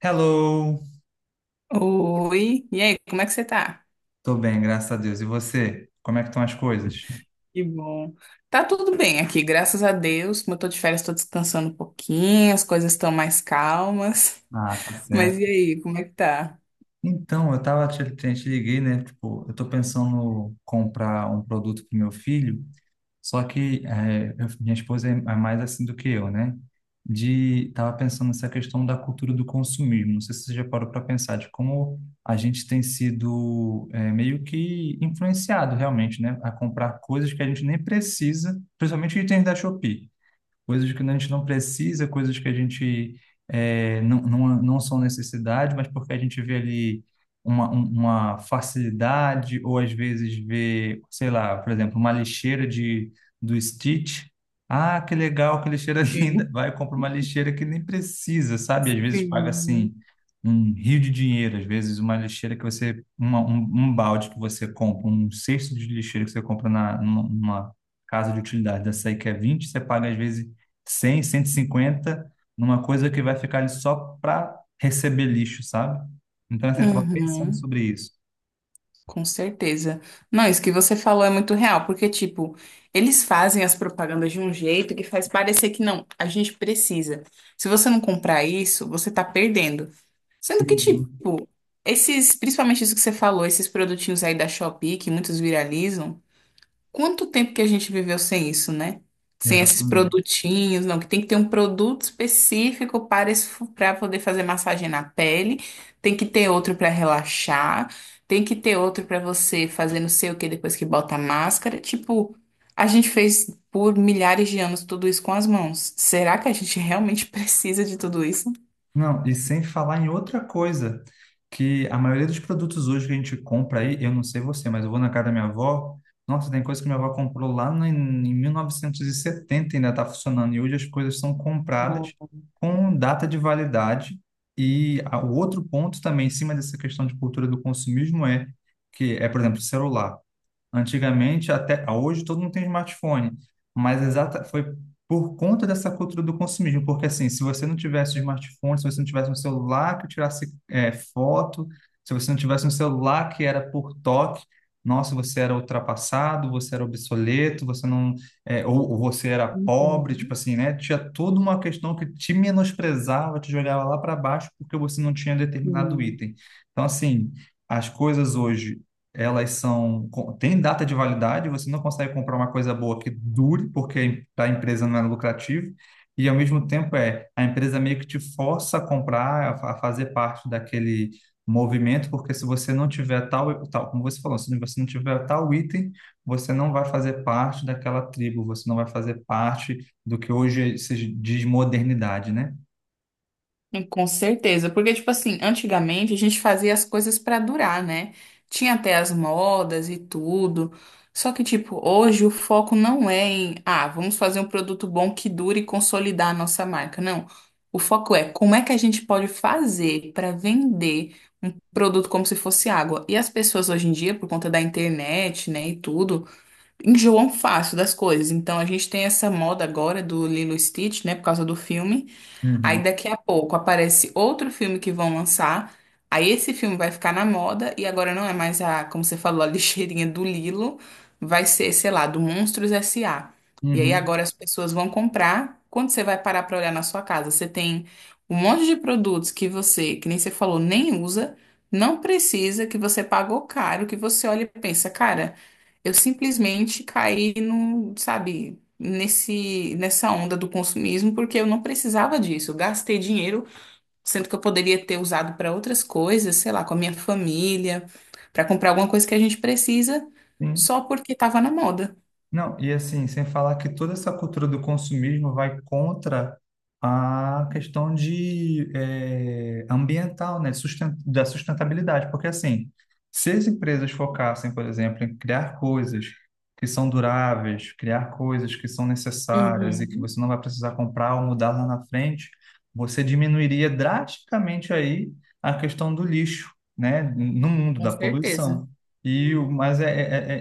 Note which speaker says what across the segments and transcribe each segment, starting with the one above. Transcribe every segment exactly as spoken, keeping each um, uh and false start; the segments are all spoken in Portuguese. Speaker 1: Hello!
Speaker 2: Oi, e aí, como é que você tá?
Speaker 1: Tô bem, graças a Deus. E você? Como é que estão as coisas?
Speaker 2: Que bom. Tá tudo bem aqui, graças a Deus. Como eu tô de férias, tô descansando um pouquinho, as coisas estão mais calmas.
Speaker 1: Ah, tá
Speaker 2: Mas e
Speaker 1: certo.
Speaker 2: aí, como é que tá?
Speaker 1: Então, eu tava te, te te liguei, né? Tipo, eu tô pensando comprar um produto pro meu filho, só que é, eu- minha esposa é é mais assim do que eu, né? De tava pensando nessa questão da cultura do consumismo. Não sei se você já parou para pensar de como a gente tem sido é, meio que influenciado realmente, né? A comprar coisas que a gente nem precisa, principalmente itens da Shopee. coisas que a gente não precisa, coisas que a gente é, não, não, não são necessidade, mas porque a gente vê ali uma, um- uma facilidade, ou às vezes vê, sei lá, por exemplo, uma lixeira de, do Stitch. Ah, que legal, que lixeira linda.
Speaker 2: Sim,
Speaker 1: Vai, compra uma lixeira que nem precisa, sabe? Às vezes paga
Speaker 2: sim.
Speaker 1: assim um rio de dinheiro, às vezes uma lixeira que você, uma, um, um balde que você compra, um cesto de lixeira que você compra na, numa, numa casa de utilidade dessa aí que é vinte, você paga às vezes cem, cento e cinquenta numa coisa que vai ficar ali só para receber lixo, sabe? Então, assim, eu estava pensando
Speaker 2: Uhum,
Speaker 1: sobre isso.
Speaker 2: com certeza. Não, isso que você falou é muito real, porque, tipo, eles fazem as propagandas de um jeito que faz parecer que não, a gente precisa. Se você não comprar isso, você tá perdendo. Sendo que,
Speaker 1: Uhum.
Speaker 2: tipo, esses, principalmente isso que você falou, esses produtinhos aí da Shopee que muitos viralizam, quanto tempo que a gente viveu sem isso, né? Sem esses
Speaker 1: Exatamente.
Speaker 2: produtinhos, não, que tem que ter um produto específico para esse, para poder fazer massagem na pele, tem que ter outro para relaxar, tem que ter outro para você fazer não sei o que depois que bota a máscara. Tipo, a gente fez por milhares de anos tudo isso com as mãos. Será que a gente realmente precisa de tudo isso?
Speaker 1: Não, e sem falar em outra coisa, que a maioria dos produtos hoje que a gente compra aí, eu não sei você, mas eu vou na casa da minha avó, nossa, tem coisa que minha avó comprou lá no, em mil novecentos e setenta e setenta e ainda está funcionando, e hoje as coisas são compradas
Speaker 2: Nossa.
Speaker 1: com data de validade. E a- o outro ponto também, em cima dessa questão de cultura do consumismo, é que é, por exemplo, celular. Antigamente, até hoje, todo mundo tem smartphone, mas exata foi por conta dessa cultura do consumismo, porque assim, se você não tivesse smartphone, se você não tivesse um celular que tirasse eh, foto, se você não tivesse um celular que era por toque, nossa, você era ultrapassado, você era obsoleto, você não, eh, ou, ou você era pobre, tipo
Speaker 2: Uhum.
Speaker 1: assim, né? Tinha toda uma questão que te menosprezava, te jogava lá para baixo porque você não tinha determinado
Speaker 2: Sim.
Speaker 1: item. Então, assim, as coisas hoje elas são com- têm data de validade, você não consegue comprar uma coisa boa que dure, porque para a empresa não é lucrativo, e ao mesmo tempo é a empresa meio que te força a comprar, a a fazer parte daquele movimento, porque se você não tiver tal, tal, como você falou, se você não tiver tal item, você não vai fazer parte daquela tribo, você não vai fazer parte do que hoje se diz modernidade, né?
Speaker 2: E com certeza, porque, tipo assim, antigamente a gente fazia as coisas pra durar, né? Tinha até as modas e tudo. Só que, tipo, hoje o foco não é em, ah, vamos fazer um produto bom que dure e consolidar a nossa marca. Não. O foco é como é que a gente pode fazer pra vender um produto como se fosse água. E as pessoas hoje em dia, por conta da internet, né, e tudo, enjoam fácil das coisas. Então a gente tem essa moda agora do Lilo e Stitch, né, por causa do filme. Aí
Speaker 1: Uhum.
Speaker 2: daqui a pouco aparece outro filme que vão lançar. Aí esse filme vai ficar na moda e agora não é mais a, como você falou, a lixeirinha do Lilo, vai ser, sei lá, do Monstros S A. E aí
Speaker 1: Uhum.
Speaker 2: agora as pessoas vão comprar. Quando você vai parar para olhar na sua casa, você tem um monte de produtos que você, que nem você falou, nem usa, não precisa, que você pagou caro, que você olha e pensa, cara, eu simplesmente caí no, sabe, nesse, nessa onda do consumismo, porque eu não precisava disso. Eu gastei dinheiro, sendo que eu poderia ter usado para outras coisas, sei lá, com a minha família, para comprar alguma coisa que a gente precisa,
Speaker 1: Sim.
Speaker 2: só porque estava na moda.
Speaker 1: Não, e assim, sem falar que toda essa cultura do consumismo vai contra a questão de eh, ambiental, né, susten- da sustentabilidade, porque assim, se as empresas focassem, por exemplo, em criar coisas que são duráveis, criar coisas que são necessárias e que
Speaker 2: Uhum.
Speaker 1: você não vai precisar comprar ou mudar lá na frente, você diminuiria drasticamente aí a questão do lixo, né, no mundo
Speaker 2: Com
Speaker 1: da
Speaker 2: certeza.
Speaker 1: poluição. E o, mas é,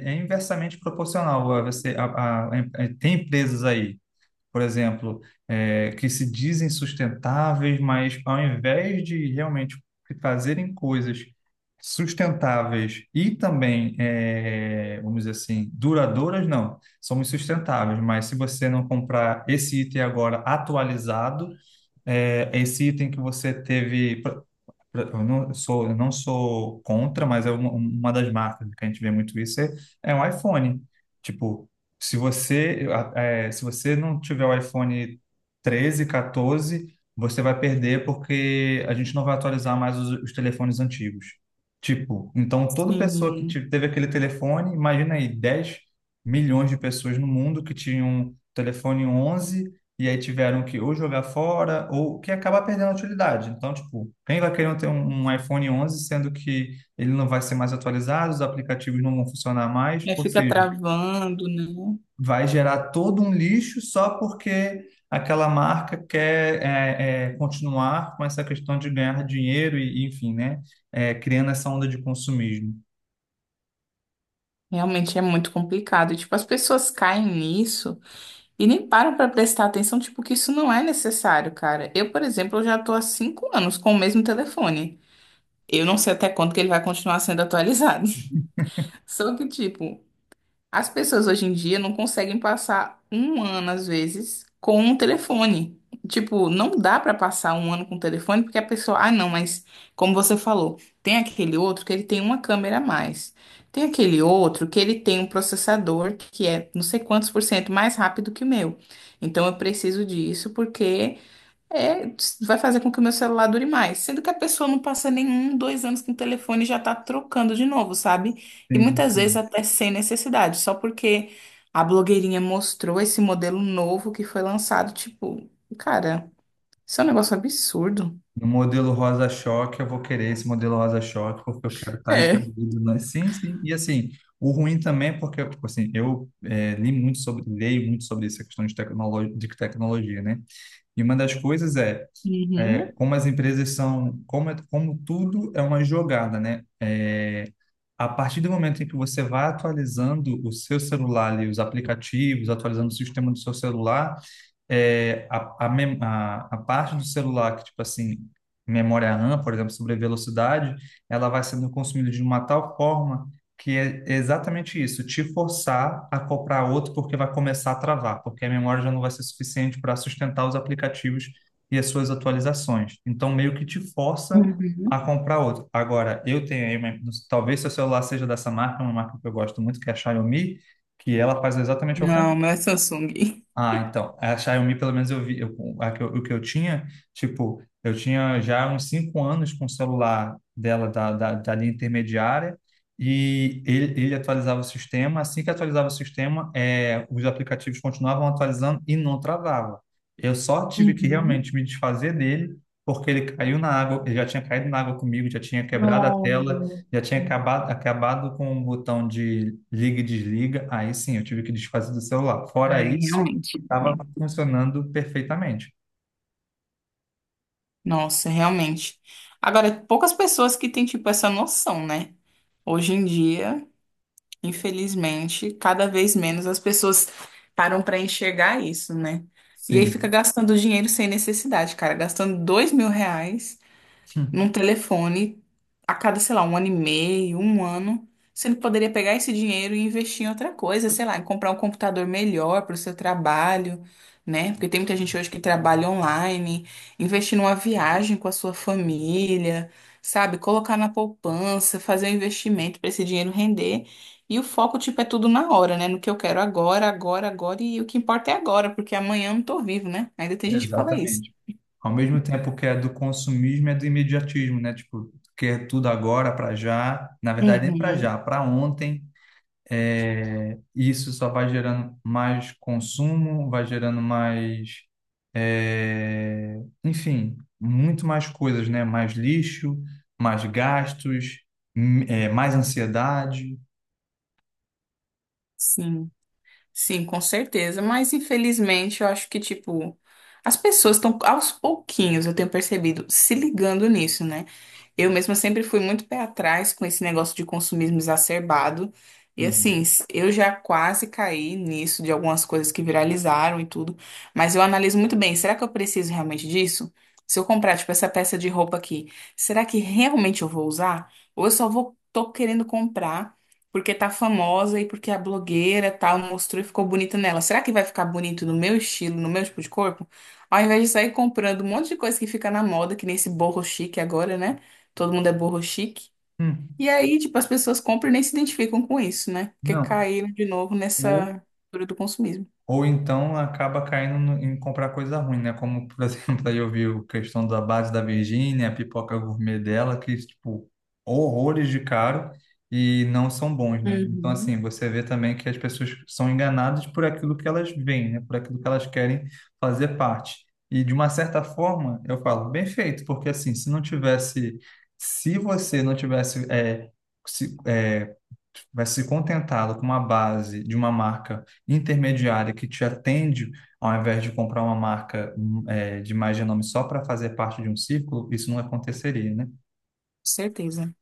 Speaker 1: é, é é inversamente proporcional. Ah, Você, a, a- a- tem empresas aí, por exemplo, é, que se dizem sustentáveis, mas ao invés de realmente fazerem coisas sustentáveis e também, é, vamos dizer assim, duradouras, não. Somos sustentáveis, mas se você não comprar esse item agora atualizado, é, é esse item que você teve. Eu não sou, eu não sou contra, mas é uma, uma das marcas que a gente vê muito isso, é, é o iPhone. Tipo, se você, é, se você não tiver o iPhone treze quatorze, você vai perder porque a gente não vai atualizar mais os, os telefones antigos. Tipo, então toda pessoa que
Speaker 2: Sim.
Speaker 1: te- teve aquele telefone, imagina aí, dez milhões de pessoas no mundo que tinham telefone onze e aí tiveram que ou jogar fora ou que acabar perdendo a utilidade. Então, tipo, quem vai querer ter um, um iPhone onze, sendo que ele não vai ser mais atualizado, os aplicativos não vão funcionar mais,
Speaker 2: Aí
Speaker 1: ou
Speaker 2: fica
Speaker 1: seja,
Speaker 2: travando, né?
Speaker 1: vai gerar todo um lixo só porque aquela marca quer é, é, continuar com essa questão de ganhar dinheiro e, enfim, né, é, criando essa onda de consumismo.
Speaker 2: Realmente é muito complicado. Tipo, as pessoas caem nisso e nem param pra prestar atenção, tipo, que isso não é necessário, cara. Eu, por exemplo, eu já tô há cinco anos com o mesmo telefone. Eu não sei até quando que ele vai continuar sendo atualizado. Só que, tipo, as pessoas hoje em dia não conseguem passar um ano, às vezes, com um telefone. Tipo, não dá pra passar um ano com o telefone, porque a pessoa, ah, não, mas como você falou, tem aquele outro que ele tem uma câmera a mais. Tem aquele outro que ele tem um processador que é não sei quantos por cento mais rápido que o meu. Então eu preciso disso porque é, vai fazer com que o meu celular dure mais. Sendo que a pessoa não passa nenhum, dois anos com o telefone e já tá trocando de novo, sabe? E
Speaker 1: Sim,
Speaker 2: muitas vezes
Speaker 1: sim.
Speaker 2: até sem necessidade, só porque a blogueirinha mostrou esse modelo novo que foi lançado. Tipo, cara, isso é um negócio absurdo.
Speaker 1: No modelo rosa-choque, eu vou querer esse modelo rosa-choque, porque eu quero estar
Speaker 2: É.
Speaker 1: incluído. Né? Sim, sim. E assim, o ruim também é porque, tipo assim, eu eh, li muito sobre, leio muito sobre essa questão de, tecnolo de tecnologia, né? E uma das coisas é, eh,
Speaker 2: Uhum.
Speaker 1: como as empresas são, como, é- como tudo é uma jogada, né? Eh, a partir do momento em que você vai atualizando o seu celular ali, os aplicativos, atualizando o sistema do seu celular, é, a, a, mem- a, a parte do celular que, tipo assim, memória RAM, por exemplo, sobre velocidade, ela vai sendo consumida de uma tal forma que é exatamente isso, te forçar a comprar outro porque vai começar a travar, porque a memória já não vai ser suficiente para sustentar os aplicativos e as suas atualizações. Então, meio que te força
Speaker 2: Uhum.
Speaker 1: a comprar outro. Agora, eu tenho aí, uma- talvez seu celular seja dessa marca, uma marca que eu gosto muito, que é a Xiaomi, que ela faz exatamente o
Speaker 2: Não, não é Samsung.
Speaker 1: ah, então, a Xiaomi, pelo menos eu vi, eu, a que eu- o que eu tinha, tipo, eu tinha já uns cinco anos com o celular dela da, da, da linha intermediária e ele, ele atualizava o sistema. Assim que atualizava o sistema, é, os aplicativos continuavam atualizando e não travava. Eu só tive que realmente
Speaker 2: Uhum.
Speaker 1: me desfazer dele porque ele caiu na água, ele já tinha caído na água comigo, já tinha quebrado a
Speaker 2: Não.
Speaker 1: tela, já tinha acabado, acabado com o botão de liga e desliga. Aí sim, eu tive que desfazer do celular. Fora
Speaker 2: Ai,
Speaker 1: isso
Speaker 2: realmente.
Speaker 1: estava funcionando perfeitamente.
Speaker 2: Nossa, realmente. Agora, poucas pessoas que têm, tipo, essa noção, né? Hoje em dia, infelizmente, cada vez menos as pessoas param pra enxergar isso, né? E aí fica
Speaker 1: Sim,
Speaker 2: gastando dinheiro sem necessidade, cara. Gastando dois mil reais num telefone a cada, sei lá, um ano e meio, um ano, sendo que poderia pegar esse dinheiro e investir em outra coisa, sei lá, em comprar um computador melhor para o seu trabalho, né? Porque tem muita gente hoje que trabalha online, investir numa viagem com a sua família, sabe? Colocar na poupança, fazer um investimento para esse dinheiro render. E o foco, tipo, é tudo na hora, né? No que eu quero agora, agora, agora, e o que importa é agora, porque amanhã eu não tô vivo, né? Ainda tem gente que fala isso.
Speaker 1: exatamente. Ao mesmo tempo que é do consumismo, é do imediatismo, né? Tipo, quer tudo agora, para já. Na verdade, nem para
Speaker 2: Uhum,
Speaker 1: já, para ontem. É, isso só vai gerando mais consumo, vai gerando mais, é, enfim, muito mais coisas, né? Mais lixo, mais gastos, hum, é, mais ansiedade.
Speaker 2: sim. Sim, com certeza. Mas infelizmente eu acho que, tipo, as pessoas estão aos pouquinhos, eu tenho percebido, se ligando nisso, né? Eu mesma sempre fui muito pé atrás com esse negócio de consumismo exacerbado. E assim,
Speaker 1: Uhum.
Speaker 2: s- eu já quase caí nisso de algumas coisas que viralizaram e tudo. Mas eu analiso muito bem, será que eu preciso realmente disso? Se eu comprar, tipo, essa peça de roupa aqui, será que realmente eu vou usar? Ou eu só vou, tô querendo comprar? Porque tá famosa e porque a blogueira tal mostrou e ficou bonita nela. Será que vai ficar bonito no meu estilo, no meu tipo de corpo? Ao invés de sair comprando um monte de coisa que fica na moda, que nem esse boho chique agora, né? Todo mundo é boho chique.
Speaker 1: Hum,
Speaker 2: E aí, tipo, as pessoas compram e nem se identificam com isso, né? Porque
Speaker 1: Não.
Speaker 2: caíram de novo nessa cultura do consumismo.
Speaker 1: Ou então acaba caindo no- em comprar coisa ruim, né? Como, por exemplo, aí eu vi a questão da base da Virgínia, a pipoca gourmet dela, que, tipo, horrores de caro e não são bons, né? Então, assim,
Speaker 2: Uhum.
Speaker 1: você vê também que as pessoas são enganadas por aquilo que elas veem, né? Por aquilo que elas querem fazer parte. E, de uma certa forma, eu falo, bem feito, porque, assim, se não tivesse. Se você não tivesse. é, vai se contentado com uma base de uma marca intermediária que te atende, ao invés de comprar uma marca hum, eh, de mais renome só para fazer parte de um círculo, isso não aconteceria, né?
Speaker 2: Certeza,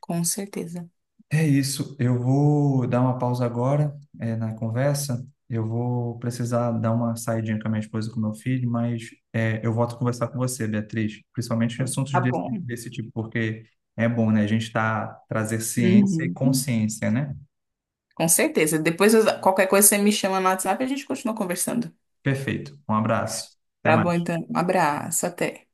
Speaker 2: com certeza.
Speaker 1: É isso. Eu vou dar uma pausa agora, eh, na conversa. Eu vou precisar dar uma saidinha com a minha esposa e com o meu filho, mas eh, eu volto a conversar com você, Beatriz, principalmente em assuntos
Speaker 2: Tá
Speaker 1: desse,
Speaker 2: bom.
Speaker 1: desse tipo, porque é bom, né? A gente tá trazer ciência e
Speaker 2: Uhum.
Speaker 1: consciência, né?
Speaker 2: Com certeza. Depois, eu- qualquer coisa, você me chama no WhatsApp e a gente continua conversando.
Speaker 1: Perfeito. Um abraço. Até
Speaker 2: Tá bom,
Speaker 1: mais.
Speaker 2: então. Um abraço, até.